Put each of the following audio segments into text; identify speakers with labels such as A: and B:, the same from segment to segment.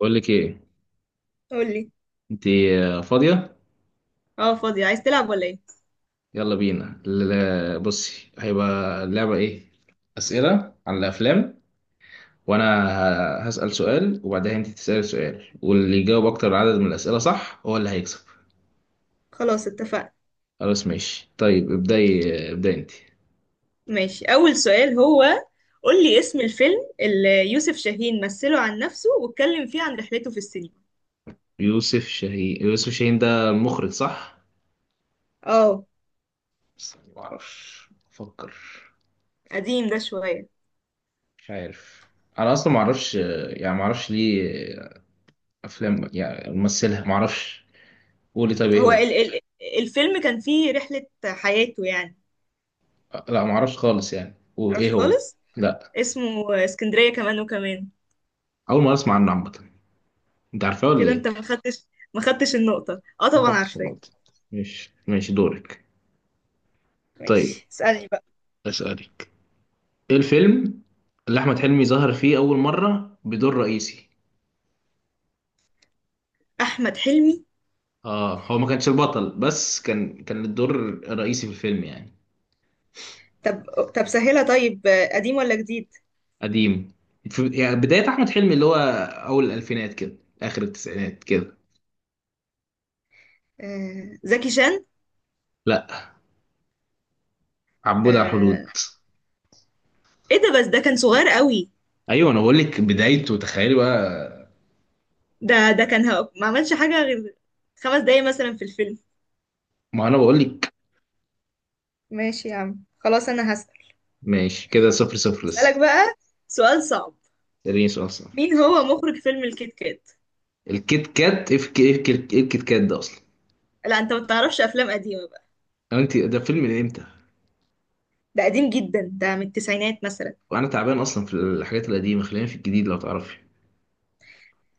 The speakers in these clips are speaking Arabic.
A: بقول لك ايه؟
B: قولي.
A: انت فاضيه؟
B: اه، فاضية عايز تلعب ولا ايه؟
A: يلا بينا، بصي، هيبقى اللعبه ايه؟ اسئله عن الافلام. وانا هسال سؤال، وبعدها انت تسالي سؤال، واللي يجاوب اكتر عدد من الاسئله صح هو اللي هيكسب.
B: خلاص اتفقنا.
A: خلاص ماشي طيب. ابداي، ابداي انت.
B: ماشي، اول سؤال هو، قولي اسم الفيلم اللي يوسف شاهين مثله عن نفسه واتكلم فيه عن رحلته في السينما.
A: يوسف شاهين، يوسف شاهين ده المخرج صح؟
B: اه.
A: بس ما اعرفش، افكر.
B: قديم ده شوية.
A: مش عارف. انا اصلا ما اعرفش، يعني ما اعرفش ليه. افلام يعني ممثلها ما اعرفش. قولي طيب، ايه
B: هو
A: هو؟
B: ال الفيلم كان فيه رحلة حياته يعني.
A: لا، ما اعرفش خالص يعني، وايه
B: عرفت
A: هو؟
B: خالص.
A: لا،
B: اسمه اسكندرية كمان وكمان.
A: اول مره اسمع عنه عامه. انت عارفاه ولا
B: كده
A: ايه؟
B: انت ما خدتش، ما خدتش النقطة. اه
A: ما
B: طبعا
A: خدتش
B: عارفاه.
A: النقطة. ماشي ماشي، دورك. طيب،
B: ماشي، اسألني بقى.
A: اسالك. ايه الفيلم اللي احمد حلمي ظهر فيه اول مره بدور رئيسي؟
B: احمد حلمي.
A: اه، هو ما كانش البطل، بس كان الدور الرئيسي في الفيلم يعني.
B: طب طب سهلها طيب. قديم ولا جديد؟
A: قديم، في يعني بدايه احمد حلمي، اللي هو اول الالفينات كده، اخر التسعينات كده.
B: آه زكي شان.
A: لا، عبود على الحدود.
B: آه، ايه ده؟ بس ده كان صغير قوي.
A: ايوه، انا بقول لك بدايته، تخيلي بقى.
B: ده كان ما عملش حاجة غير 5 دقايق مثلا في الفيلم.
A: ما انا بقول لك.
B: ماشي يا عم، خلاص انا هسأل.
A: ماشي، كده صفر صفر
B: هسألك
A: لسه.
B: بقى سؤال صعب.
A: اديني سؤال صح.
B: مين هو مخرج فيلم الكيت كات؟
A: الكيت كات؟ ايه الك- إيه الك- إيه الكيت كات ده اصلا؟
B: لا انت ما بتعرفش افلام قديمة بقى.
A: أو انت، ده فيلم من امتى؟
B: ده قديم جدا، ده من التسعينات مثلا.
A: وانا تعبان اصلا في الحاجات القديمه، خلينا في الجديد لو تعرفي.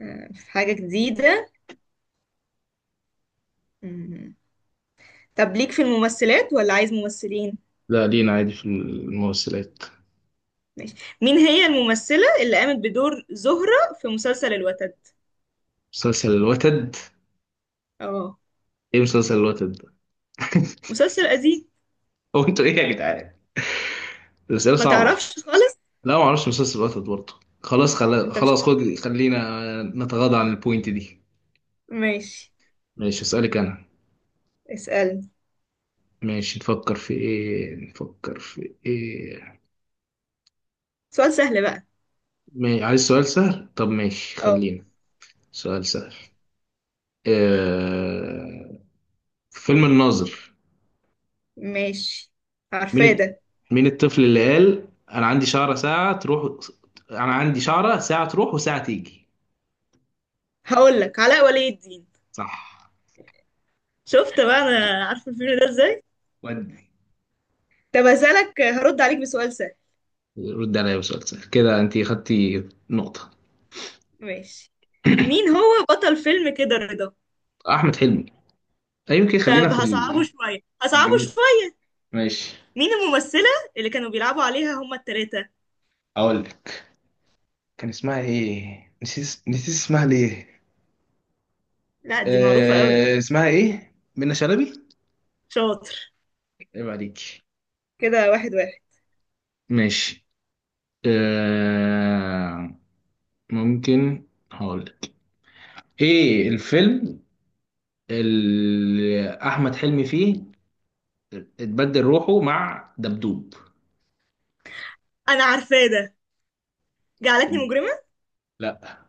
B: آه، في حاجة جديدة. مم. طب ليك في الممثلات ولا عايز ممثلين؟
A: لا، لينا عادي في الممثلات.
B: ماشي. مين هي الممثلة اللي قامت بدور زهرة في مسلسل الوتد؟
A: مسلسل الوتد؟
B: اه،
A: ايه مسلسل الوتد ده؟
B: مسلسل قديم.
A: هو انتوا ايه يا جدعان؟ الاسئله
B: ما
A: صعبه.
B: تعرفش خالص.
A: لا، ما اعرفش مسلسل الوتد برضه.
B: انت مش.
A: خلاص، خد. خلينا نتغاضى عن البوينت دي.
B: ماشي،
A: ماشي، اسالك انا.
B: اسألني.
A: ماشي، نفكر في ايه، نفكر في ايه.
B: سؤال سهل بقى.
A: ما... عايز سؤال سهل؟ طب ماشي
B: اه
A: خلينا. سؤال سهل. آه... في فيلم الناظر،
B: ماشي،
A: مين
B: عارفاه
A: الت-
B: ده.
A: مين الطفل اللي قال انا عندي شعرة ساعة تروح، انا عندي شعرة ساعة تروح وساعة تيجي؟
B: هقول لك علاء ولي الدين.
A: صح.
B: شفت بقى، انا عارفه الفيلم ده ازاي.
A: ودي.
B: طب هسألك، هرد عليك بسؤال سهل.
A: رد عليا بسؤال سهل، كده انت خدتي نقطة.
B: ماشي. مين هو بطل فيلم كده رضا؟
A: احمد حلمي. أيوة يمكن. خلينا
B: طب
A: في
B: هصعبه شويه
A: في
B: هصعبه
A: الجميل.
B: شويه.
A: ماشي.
B: مين الممثله اللي كانوا بيلعبوا عليها هما التلاتة؟
A: اقول لك، كان اسمها ايه؟ نسيت، نسيت اسمها ليه.
B: لا دي معروفه قوي.
A: اسمها ايه، منى شلبي.
B: شاطر.
A: عيب عليك.
B: كده واحد واحد.
A: ماشي. آه... ممكن هقولك، ايه الفيلم اللي احمد حلمي فيه اتبدل روحه مع دبدوب؟
B: انا عارفاه ده، جعلتني مجرمه.
A: لا.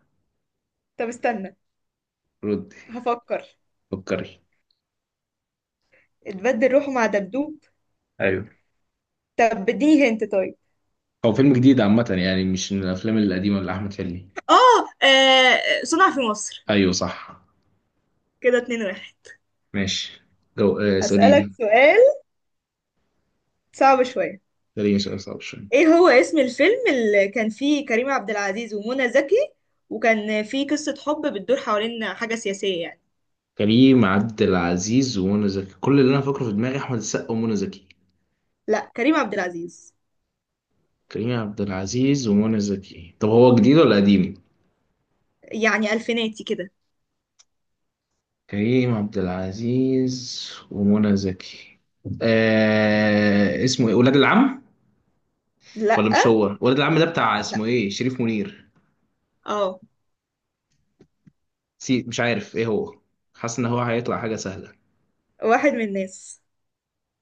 B: طب استنى،
A: ردي،
B: هفكر.
A: فكري.
B: اتبدل روحه مع دبدوب.
A: ايوه،
B: طب اديني هنت طيب.
A: هو فيلم جديد عامة يعني، مش من الافلام القديمة اللي احمد حلمي.
B: اه آه، صنع في مصر.
A: ايوه صح.
B: كده 2-1.
A: ماشي. جو... آه
B: هسألك
A: سليم.
B: سؤال صعب شوية.
A: سليم، سؤال صعب شوية.
B: ايه هو اسم الفيلم اللي كان فيه كريم عبد العزيز ومنى زكي، وكان فيه قصة حب بتدور حوالين حاجة سياسية يعني؟
A: كريم عبد العزيز ومنى زكي؟ كل اللي انا فاكره في دماغي احمد السقا ومنى زكي.
B: لا كريم عبد العزيز.
A: كريم عبد العزيز ومنى زكي. طب هو جديد ولا قديم؟
B: يعني ألفيناتي كده.
A: كريم عبد العزيز ومنى زكي. اسمه ايه، ولاد العم؟ ولا
B: لأ.
A: مش هو. ولاد العم ده بتاع
B: لأ.
A: اسمه ايه، شريف منير؟
B: اه.
A: سي، مش عارف ايه هو. حاسس ان هو هيطلع حاجه سهله.
B: واحد من الناس.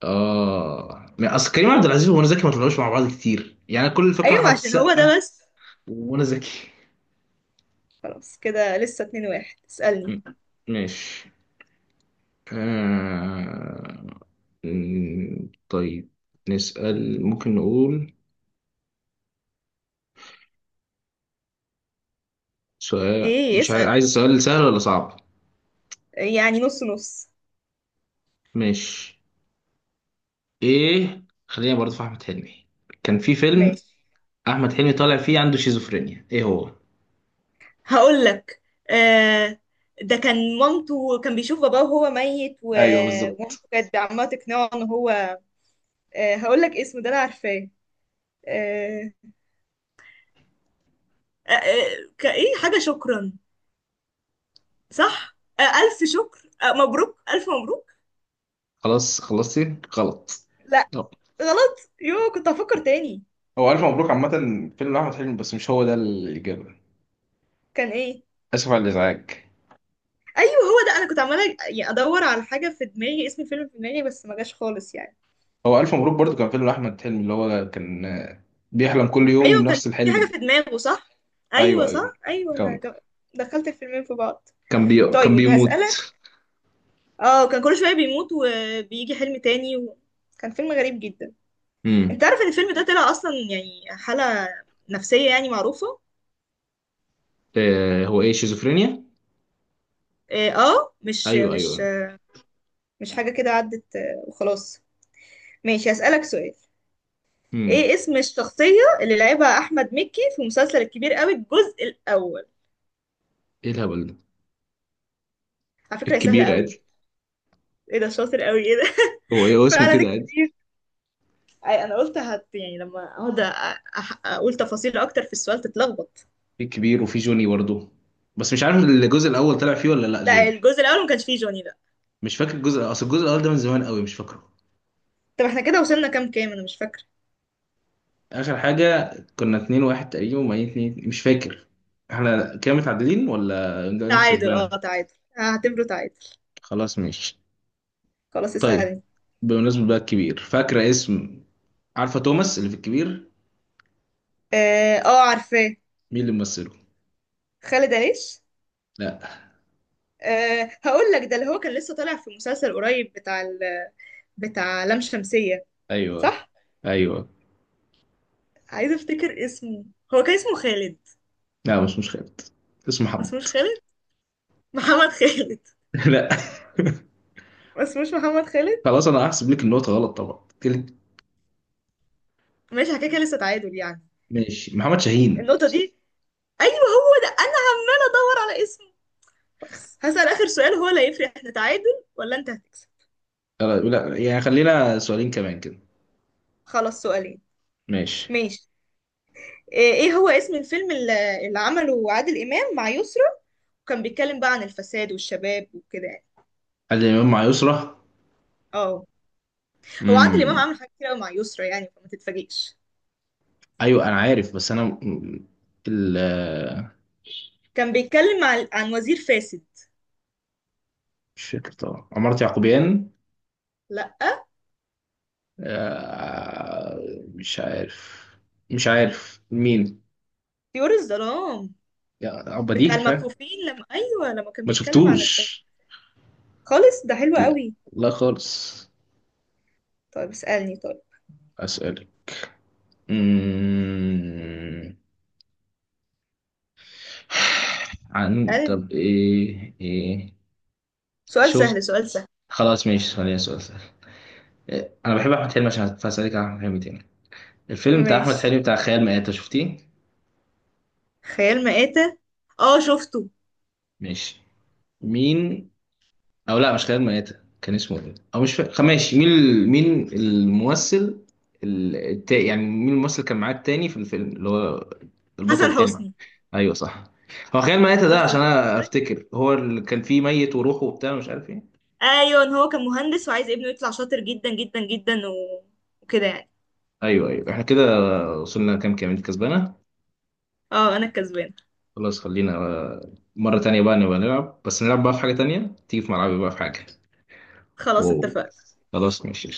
A: اه، ما اصل كريم عبد
B: شوف.
A: العزيز ومنى زكي ما طلعوش مع بعض كتير يعني، كل الفكره
B: ايوه
A: احمد
B: عشان هو
A: السقا
B: ده بس.
A: ومنى زكي.
B: خلاص كده لسه 2-1، اسألني.
A: م- ماشي. آه... طيب، نسأل. ممكن نقول سؤال،
B: ايه
A: مش
B: اسأل؟
A: عايز سؤال سهل ولا صعب؟
B: يعني نص نص.
A: ماشي. ايه، خلينا برضه في احمد حلمي. كان في فيلم،
B: ماشي.
A: احمد حلمي طالع فيه عنده شيزوفرينيا، ايه هو؟
B: هقول لك. آه. ده كان مامته، كان بيشوف باباه وهو ميت
A: ايوه
B: ومامته
A: بالظبط.
B: كانت عماله تقنعه ان هو. آه هقول لك اسمه، ده انا عارفاه. آه آه، كايه حاجه شكرا. صح، آه الف شكر، آه مبروك الف مبروك.
A: خلاص خلصتي غلط.
B: لا.
A: لا.
B: غلط، يو كنت هفكر تاني.
A: هو الف مبروك عامه، فيلم احمد حلمي، بس مش هو ده الاجابه.
B: كان ايه؟
A: اسف على الازعاج.
B: ايوه هو ده، انا كنت عماله يعني ادور على حاجه في دماغي، اسم الفيلم في دماغي بس ما جاش خالص يعني.
A: هو الف مبروك برضو كان فيلم احمد حلمي اللي هو كان، بيحلم كل يوم
B: ايوه، كان
A: نفس
B: في حاجه
A: الحلم.
B: في دماغه صح.
A: ايوه
B: ايوه
A: ايوه،
B: صح، ايوه انا
A: كان
B: جم- دخلت الفيلمين في بعض.
A: كان
B: طيب
A: بيموت.
B: هسألك. اه، كان كل شوية بيموت وبيجي حلم تاني. و... كان فيلم غريب جدا. انت
A: امم.
B: عارف ان الفيلم ده طلع اصلا يعني حالة نفسية يعني معروفة.
A: إيه هو، ايه شيزوفرينيا؟
B: اه آه، مش
A: ايوه
B: مش
A: ايوه.
B: مش حاجة كده، عدت آه، وخلاص. ماشي هسألك سؤال.
A: امم.
B: ايه اسم الشخصية اللي لعبها احمد مكي في مسلسل الكبير قوي الجزء الاول؟
A: ايه الهبل ده؟
B: على فكرة هي سهلة
A: الكبيرة
B: قوي.
A: عادي.
B: ايه ده، شاطر قوي، ايه ده
A: هو ايه، هو اسمه
B: فعلا
A: كده؟
B: الكبير. أي، انا قلت هت يعني لما اقعد اقول تفاصيل اكتر في السؤال تتلخبط.
A: في كبير وفي جوني برضه، بس مش عارف الجزء الاول طلع فيه ولا لا
B: لا
A: جوني.
B: الجزء الاول ما كانش فيه جوني.
A: مش فاكر الجزء. اصل الجزء الاول ده من زمان قوي، مش فاكره.
B: طب احنا كده وصلنا كام كام، انا مش فاكره.
A: اخر حاجه كنا 2-1 تقريبا، وميت اتنين مش فاكر. احنا كده متعادلين ولا ده انت
B: تعادل،
A: كسبانه؟
B: اه تعادل، هعتبره تعادل.
A: خلاص ماشي.
B: خلاص
A: طيب،
B: اسألني.
A: بمناسبه بقى الكبير، فاكره اسم؟ عارفه توماس اللي في الكبير؟
B: اه آه، عارفاه.
A: مين اللي ممثله؟
B: خالد عيش.
A: لا.
B: أه هقول لك، ده اللي هو كان لسه طالع في مسلسل قريب بتاع ال، بتاع لام شمسية.
A: ايوه
B: صح.
A: ايوه.
B: عايزه افتكر اسمه. هو كان اسمه خالد.
A: لا، مش خالد، اسمه
B: ما
A: محمد.
B: اسموش خالد محمد خالد.
A: لا.
B: ما اسموش محمد خالد.
A: خلاص، انا هحسب لك النقطه غلط طبعا.
B: ماشي على كده، كده لسه تعادل يعني.
A: ماشي. محمد شاهين.
B: النقطة دي. ايوه هو ده انا ادور على اسمه. خلاص هسأل اخر سؤال، هو اللي هيفرق احنا تعادل ولا انت هتكسب.
A: خلاص، لا يعني خلينا سؤالين كمان كده.
B: خلاص سؤالين.
A: ماشي.
B: ماشي. آه، ايه هو اسم الفيلم اللي عمله عادل امام مع يسرا، وكان بيتكلم بقى عن الفساد والشباب وكده يعني؟
A: هل الإمام مع يسرى؟
B: اه. هو عادل امام
A: امم.
B: عمل حاجات كتير قوي مع يسرا يعني، فما تتفاجئش.
A: أيوه أنا عارف، بس أنا مم، ال آه،
B: كان بيتكلم عن وزير فاسد.
A: مش فاكر طبعا. عمارة يعقوبيان؟
B: لا.
A: آه، مش عارف مش عارف مين.
B: طيور الظلام،
A: يا
B: بتاع
A: بديه فاهم.
B: المكفوفين لما، ايوه لما كان
A: ما
B: بيتكلم عن الفساد.
A: شفتوش.
B: خالص، ده حلو
A: لا،
B: قوي.
A: لا خالص.
B: طيب اسالني طيب.
A: أسألك. امم عن
B: اسالني
A: طب، إيه، إيه؟
B: سؤال
A: شفت.
B: سهل سؤال سهل.
A: خلاص ماشي، ثانية سؤال. انا بحب احمد حلمي، عشان فاسالك عن احمد حلمي تاني. الفيلم بتاع احمد
B: ماشي
A: حلمي بتاع خيال مآتة، شفتيه؟
B: خيال مآتة. اه شفته.
A: ماشي. مين؟ او لا، مش خيال مآتة. كان اسمه ايه، او مش فاكر. ماشي. مين الممثل، يعني مين الممثل اللي كان معاه التاني في الفيلم، اللي هو البطل
B: حسن
A: التاني معاه؟
B: حسني.
A: ايوه صح. هو خيال مآتة ده،
B: شفت
A: عشان
B: الفيلم
A: انا
B: ده؟
A: افتكر هو اللي كان فيه ميت وروحه وبتاع مش عارف ايه.
B: ايوه، إن هو كان مهندس وعايز ابنه يطلع شاطر جدا جدا جدا و... وكده يعني.
A: ايوه ايوه. احنا كده وصلنا كام كام؟ انت كسبانه.
B: اه انا الكسبانه.
A: خلاص، خلينا مرة تانية بقى نبقى نلعب، بس نلعب بقى في حاجة تانية تيجي في ملعبي بقى في حاجة.
B: خلاص
A: اوه.
B: اتفقنا.
A: خلاص ماشي.